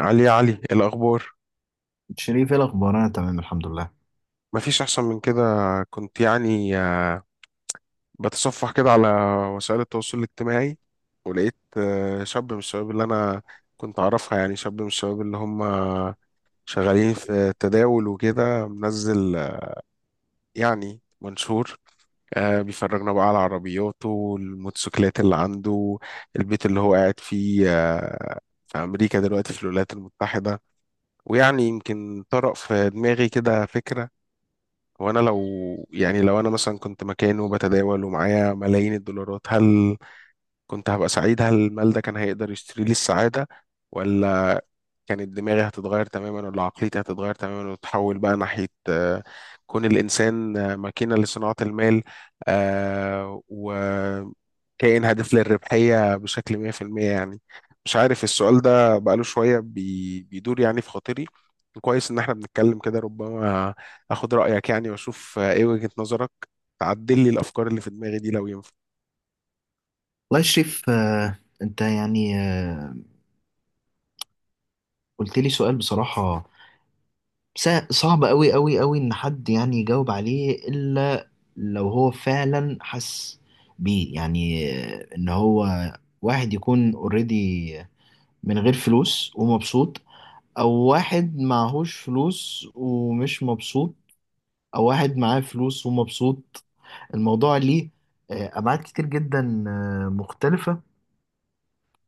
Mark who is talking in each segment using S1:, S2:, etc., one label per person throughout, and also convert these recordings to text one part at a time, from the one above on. S1: علي يا علي، إيه الأخبار؟
S2: شريف، ايه الاخبار؟ انا تمام الحمد لله.
S1: مفيش أحسن من كده. كنت يعني بتصفح كده على وسائل التواصل الاجتماعي، ولقيت شاب من الشباب اللي أنا كنت أعرفها، يعني شاب من الشباب اللي هم شغالين في التداول وكده، منزل يعني منشور، بيفرجنا بقى على عربياته، الموتوسيكلات اللي عنده، البيت اللي هو قاعد فيه، في أمريكا دلوقتي، في الولايات المتحدة. ويعني يمكن طرأ في دماغي كده فكرة، هو انا لو، يعني لو انا مثلا كنت مكانه وبتداول ومعايا ملايين الدولارات، هل كنت هبقى سعيد؟ هل المال ده كان هيقدر يشتري لي السعادة، ولا كانت دماغي هتتغير تماما، ولا عقليتي هتتغير تماما وتتحول بقى ناحية كون الإنسان ماكينة لصناعة المال، وكائن هادف للربحية بشكل 100% يعني. مش عارف، السؤال ده بقاله شوية بيدور يعني في خاطري. كويس إن احنا بنتكلم كده، ربما أخد رأيك يعني وأشوف إيه وجهة نظرك، تعدل لي الأفكار اللي في دماغي دي لو ينفع.
S2: والله يا شريف، انت قلت لي سؤال بصراحة صعب قوي قوي قوي ان حد يعني يجاوب عليه، الا لو هو فعلا حس بيه، ان هو واحد يكون اوريدي من غير فلوس ومبسوط، او واحد معهوش فلوس ومش مبسوط، او واحد معاه فلوس ومبسوط. الموضوع ليه ابعاد كتير جدا مختلفة.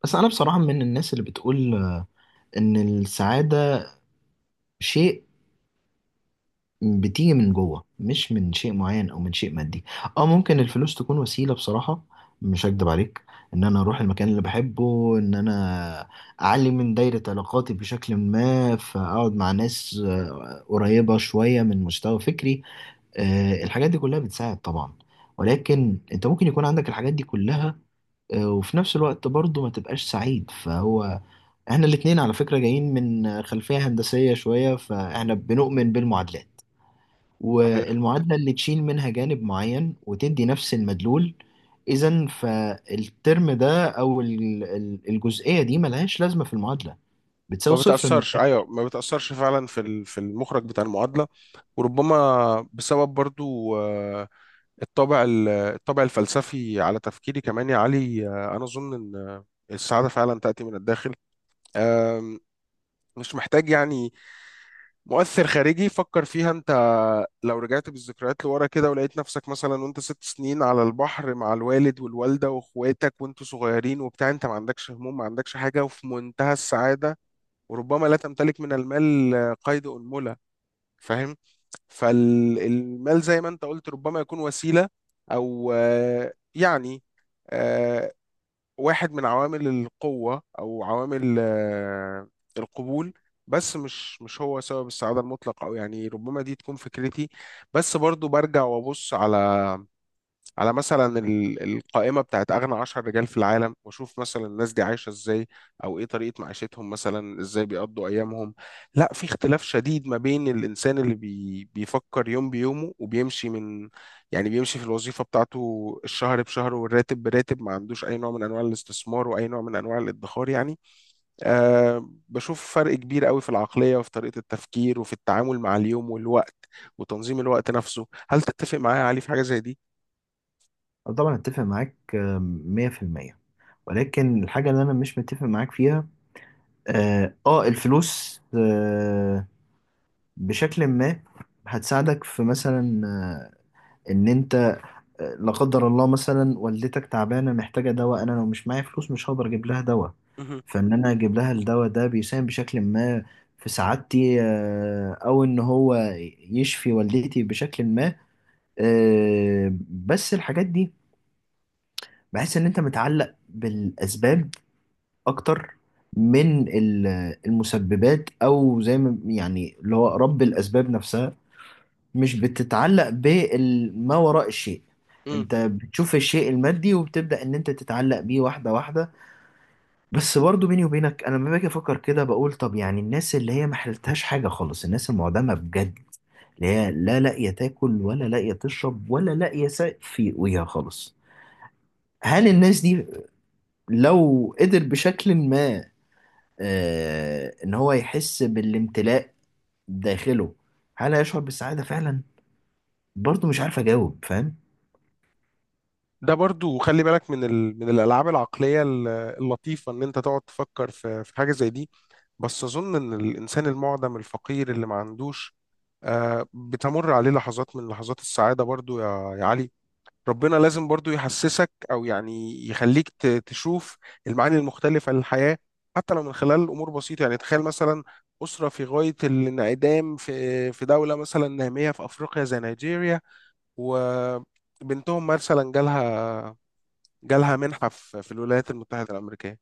S2: بس انا بصراحة من الناس اللي بتقول ان السعادة شيء بتيجي من جوه، مش من شيء معين او من شيء مادي. اه، ممكن الفلوس تكون وسيلة، بصراحة مش هكدب عليك، ان انا اروح المكان اللي بحبه، ان انا اعلي من دايرة علاقاتي بشكل ما فاقعد مع ناس قريبة شوية من مستوى فكري. الحاجات دي كلها بتساعد طبعا، ولكن انت ممكن يكون عندك الحاجات دي كلها وفي نفس الوقت برضه ما تبقاش سعيد. فهو احنا الاتنين على فكرة جايين من خلفية هندسية شوية، فاحنا بنؤمن بالمعادلات،
S1: صحيح،
S2: والمعادلة اللي تشيل منها جانب معين وتدي نفس المدلول، اذا فالترم ده او الجزئية دي ملهاش لازمة في المعادلة،
S1: ما
S2: بتساوي صفر من
S1: بتأثرش،
S2: الآخر.
S1: أيوة ما بتأثرش فعلا في في المخرج بتاع المعادلة. وربما بسبب برضو الطابع الطابع الفلسفي على تفكيري كمان يا علي، أنا أظن إن السعادة فعلا تأتي من الداخل. آم، مش محتاج يعني مؤثر خارجي. فكر فيها أنت، لو رجعت بالذكريات لورا كده ولقيت نفسك مثلا وأنت 6 سنين على البحر مع الوالد والوالدة وإخواتك وأنتوا صغيرين وبتاع، أنت ما عندكش هموم، ما عندكش حاجة، وفي منتهى السعادة، وربما لا تمتلك من المال قيد أنملة. فاهم؟ فالمال زي ما انت قلت ربما يكون وسيلة، او يعني آه، واحد من عوامل القوة، او عوامل القبول. بس مش هو سبب السعادة المطلق، او يعني ربما دي تكون فكرتي. بس برضو برجع وابص على، على مثلا القائمة بتاعت أغنى 10 رجال في العالم، وأشوف مثلا الناس دي عايشة إزاي، أو إيه طريقة معيشتهم، مثلا إزاي بيقضوا أيامهم. لا، في اختلاف شديد ما بين الإنسان اللي بيفكر يوم بيومه وبيمشي من، يعني بيمشي في الوظيفة بتاعته الشهر بشهر والراتب براتب، ما عندوش أي نوع من أنواع الاستثمار وأي نوع من أنواع الادخار يعني. أه، بشوف فرق كبير قوي في العقلية وفي طريقة التفكير وفي التعامل مع اليوم والوقت وتنظيم الوقت نفسه. هل تتفق معايا يا علي في حاجة زي دي؟
S2: أنا طبعا اتفق معاك، 100%، ولكن الحاجة اللي انا مش متفق معاك فيها، الفلوس بشكل ما هتساعدك في مثلا، ان انت لا قدر الله مثلا والدتك تعبانه محتاجه دواء، انا لو مش معايا فلوس مش هقدر اجيب لها دواء. فان انا اجيب لها الدواء ده بيساهم بشكل ما في سعادتي، او ان هو يشفي والدتي بشكل ما. بس الحاجات دي بحس ان انت متعلق بالاسباب اكتر من المسببات، او زي ما يعني اللي هو رب الاسباب نفسها، مش بتتعلق بما وراء الشيء.
S1: مهم.
S2: انت بتشوف الشيء المادي وبتبدأ ان انت تتعلق بيه واحدة واحدة. بس برضو بيني وبينك، انا لما باجي افكر كده بقول طب يعني الناس اللي هي ما حلتهاش حاجة خالص، الناس المعدمة بجد، اللي هي لا لاقية تاكل ولا لاقية تشرب ولا لاقية سقف في وجهها خالص، هل الناس دي لو قدر بشكل ما آه ان هو يحس بالامتلاء داخله، هل هيشعر بالسعادة فعلا؟ برضو مش عارف اجاوب، فاهم؟
S1: ده برضو خلي بالك من من الالعاب العقليه اللطيفه ان انت تقعد تفكر في حاجه زي دي. بس اظن ان الانسان المعدم الفقير اللي ما عندوش، بتمر عليه لحظات من لحظات السعاده برضو يا يا علي. ربنا لازم برضو يحسسك، او يعني يخليك تشوف المعاني المختلفه للحياه، حتى لو من خلال امور بسيطه. يعني تخيل مثلا أسرة في غاية الانعدام، في في دولة مثلا نامية في أفريقيا زي نيجيريا، وبنتهم مثلا جالها، جالها منحة في الولايات المتحدة الأمريكية.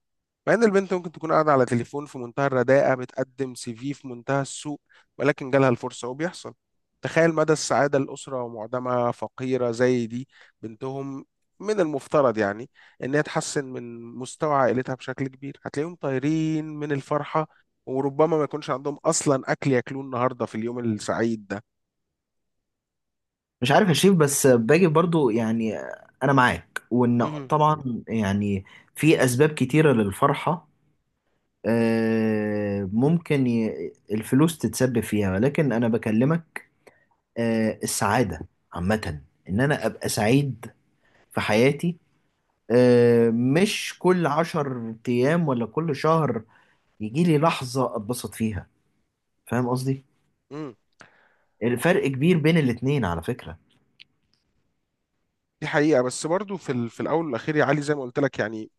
S1: مع إن البنت ممكن تكون قاعدة على تليفون في منتهى الرداءة، بتقدم سي في في منتهى السوء، ولكن جالها الفرصة وبيحصل. تخيل مدى السعادة، الأسرة ومعدمها فقيرة زي دي، بنتهم من المفترض يعني إن هي تحسن من مستوى عائلتها بشكل كبير. هتلاقيهم طايرين من الفرحة، وربما ما يكونش عندهم أصلا أكل ياكلوه النهاردة في اليوم السعيد ده.
S2: مش عارف يا شريف، بس باجي برضو يعني انا معاك، وان
S1: مهم.
S2: طبعا يعني في اسباب كتيرة للفرحة، ممكن الفلوس تتسبب فيها. ولكن انا بكلمك السعادة عامة، ان انا ابقى سعيد في حياتي، مش كل عشر ايام ولا كل شهر يجي لي لحظة اتبسط فيها. فاهم قصدي؟
S1: مم.
S2: الفرق كبير بين الاتنين على فكرة.
S1: دي حقيقة. بس برضو في، في الأول والأخير يا علي، زي ما قلت لك، يعني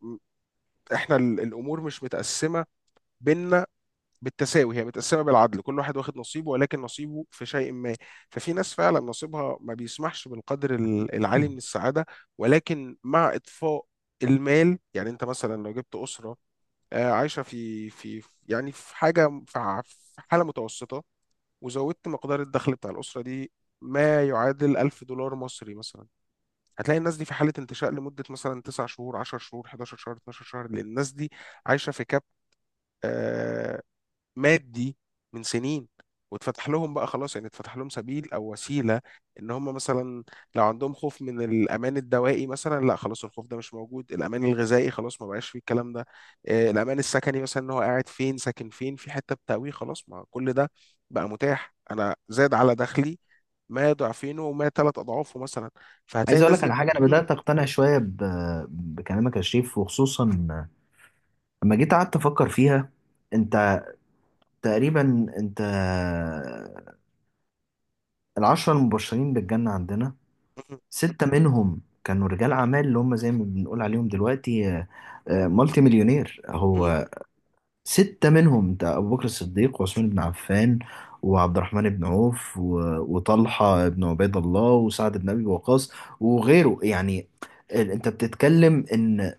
S1: احنا الامور مش متقسمه بينا بالتساوي، هي متقسمه بالعدل. كل واحد واخد نصيبه، ولكن نصيبه في شيء ما. ففي ناس فعلا نصيبها ما بيسمحش بالقدر العالي من السعاده. ولكن مع اطفاء المال، يعني انت مثلا لو جبت اسره عايشه في، في، يعني في حاجه، في في حاله متوسطه، وزودت مقدار الدخل بتاع الاسره دي ما يعادل 1000 دولار مصري مثلا، هتلاقي الناس دي في حالة انتشاء لمدة مثلا 9 شهور، 10 شهور، 11 شهر، 12 شهر، لأن الناس دي عايشة في كاب آه، مادي من سنين، واتفتح لهم بقى خلاص، يعني اتفتح لهم سبيل او وسيله، ان هم مثلا لو عندهم خوف من الامان الدوائي مثلا، لا خلاص، الخوف ده مش موجود. الامان الغذائي خلاص ما بقاش فيه الكلام ده، الامان السكني مثلا، ان هو قاعد فين، ساكن فين، في حته بتأويه، خلاص ما كل ده بقى متاح. انا زاد على دخلي ما ضعفينه وما 3 اضعافه مثلا، فهتلاقي
S2: عايز اقول
S1: الناس
S2: لك
S1: دي.
S2: على حاجه، انا
S1: مم،
S2: بدات اقتنع شويه ب... بكلامك يا شريف، وخصوصا لما جيت قعدت افكر فيها. انت تقريبا انت العشرة المبشرين بالجنه عندنا،
S1: مم،
S2: سته منهم كانوا رجال اعمال، اللي هم زي ما بنقول عليهم دلوقتي مالتي مليونير.
S1: مم.
S2: هو سته منهم، انت ابو بكر الصديق، وعثمان بن عفان، وعبد الرحمن بن عوف، و... وطلحه بن عبيد الله، وسعد بن ابي وقاص، وغيره يعني. انت بتتكلم ان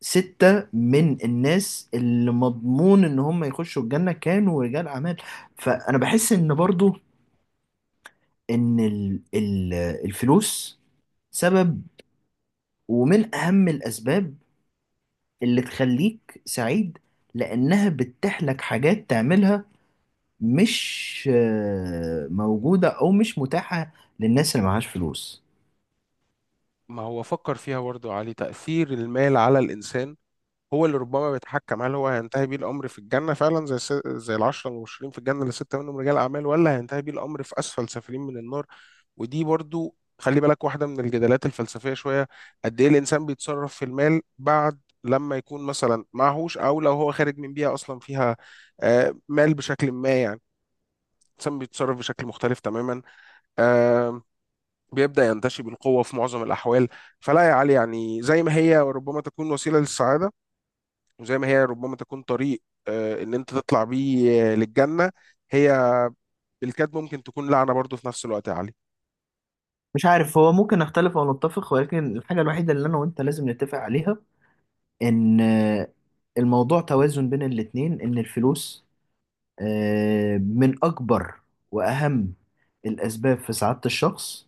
S2: ستة من الناس اللي مضمون ان هم يخشوا الجنة كانوا رجال اعمال. فانا بحس ان برضو ان الفلوس سبب ومن اهم الاسباب اللي تخليك سعيد، لانها بتتيح لك حاجات تعملها مش موجودة او مش متاحة للناس اللي معهاش فلوس.
S1: ما هو فكر فيها برضه يا علي، تأثير المال على الإنسان هو اللي ربما بيتحكم هل هو هينتهي بيه الامر في الجنه فعلا زي زي العشره المبشرين في الجنه، اللي 6 منهم رجال اعمال، ولا هينتهي بيه الامر في اسفل سافلين من النار. ودي برضو خلي بالك واحده من الجدالات الفلسفيه شويه. قد ايه الانسان بيتصرف في المال بعد لما يكون مثلا معهوش، او لو هو خارج من بيئه اصلا فيها مال بشكل ما، يعني الانسان بيتصرف بشكل مختلف تماما، آه، بيبدا ينتشي بالقوه في معظم الاحوال. فلا يا علي، يعني زي ما هي وربما تكون وسيله للسعاده، وزي ما هي ربما تكون طريق ان انت تطلع بيه للجنة، هي بالكاد ممكن تكون لعنة برضو في نفس الوقت يا علي.
S2: مش عارف، هو ممكن نختلف او نتفق، ولكن الحاجة الوحيدة اللي انا وانت لازم نتفق عليها ان الموضوع توازن بين الاتنين، ان الفلوس من اكبر واهم الاسباب في سعادة الشخص.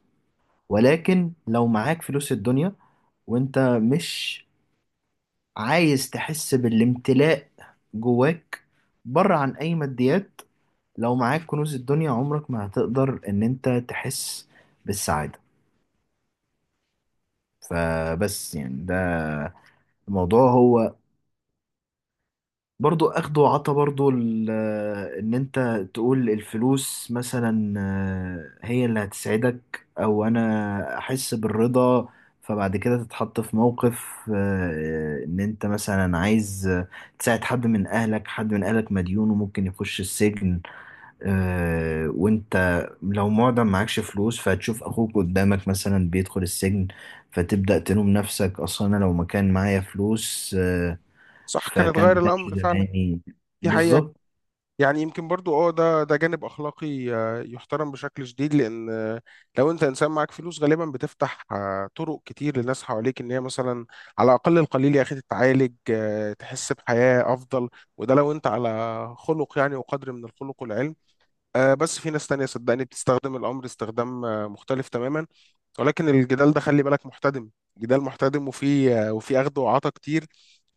S2: ولكن لو معاك فلوس الدنيا وانت مش عايز تحس بالامتلاء جواك بره عن اي ماديات، لو معاك كنوز الدنيا عمرك ما هتقدر ان انت تحس بالسعادة. فبس يعني ده الموضوع، هو برضو اخد وعطا. برضو ان انت تقول الفلوس مثلا هي اللي هتسعدك او انا احس بالرضا، فبعد كده تتحط في موقف ان انت مثلا عايز تساعد حد من اهلك، حد من اهلك مديون وممكن يخش السجن، وانت لو معدم معكش فلوس، فهتشوف اخوك قدامك مثلا بيدخل السجن، فتبدأ تلوم نفسك، اصلا انا لو ما كان معايا فلوس
S1: صح، كان
S2: فكان
S1: اتغير
S2: ما
S1: الامر
S2: كانش
S1: فعلا.
S2: زماني.
S1: دي حقيقة.
S2: بالظبط.
S1: يعني يمكن برضو، ده جانب اخلاقي يحترم بشكل شديد، لان لو انت انسان معاك فلوس غالبا بتفتح طرق كتير للناس حواليك، ان هي مثلا على الاقل القليل يا اخي تتعالج، تحس بحياة افضل. وده لو انت على خلق، يعني وقدر من الخلق والعلم. بس في ناس تانية صدقني بتستخدم الأمر استخدام مختلف تماما. ولكن الجدال ده خلي بالك محتدم، جدال محتدم، وفي وفي أخد وعطا كتير.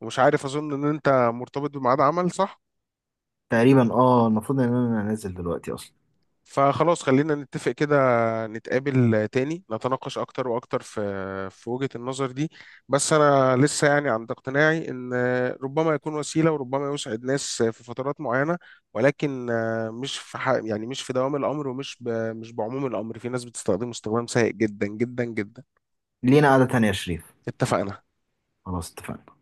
S1: ومش عارف، أظن إن أنت مرتبط بميعاد عمل، صح؟
S2: تقريبا اه، المفروض ان انا نازل دلوقتي اصلا.
S1: فخلاص، خلينا نتفق كده، نتقابل تاني نتناقش أكتر وأكتر في، في وجهة النظر دي. بس أنا لسه يعني عند اقتناعي إن ربما يكون وسيلة، وربما يسعد ناس في فترات معينة، ولكن مش في يعني مش في دوام الأمر، ومش مش بعموم الأمر. في ناس بتستخدمه استخدام سيء جدا جدا جدا.
S2: لينا قعدة تانية يا شريف.
S1: اتفقنا.
S2: خلاص اتفقنا.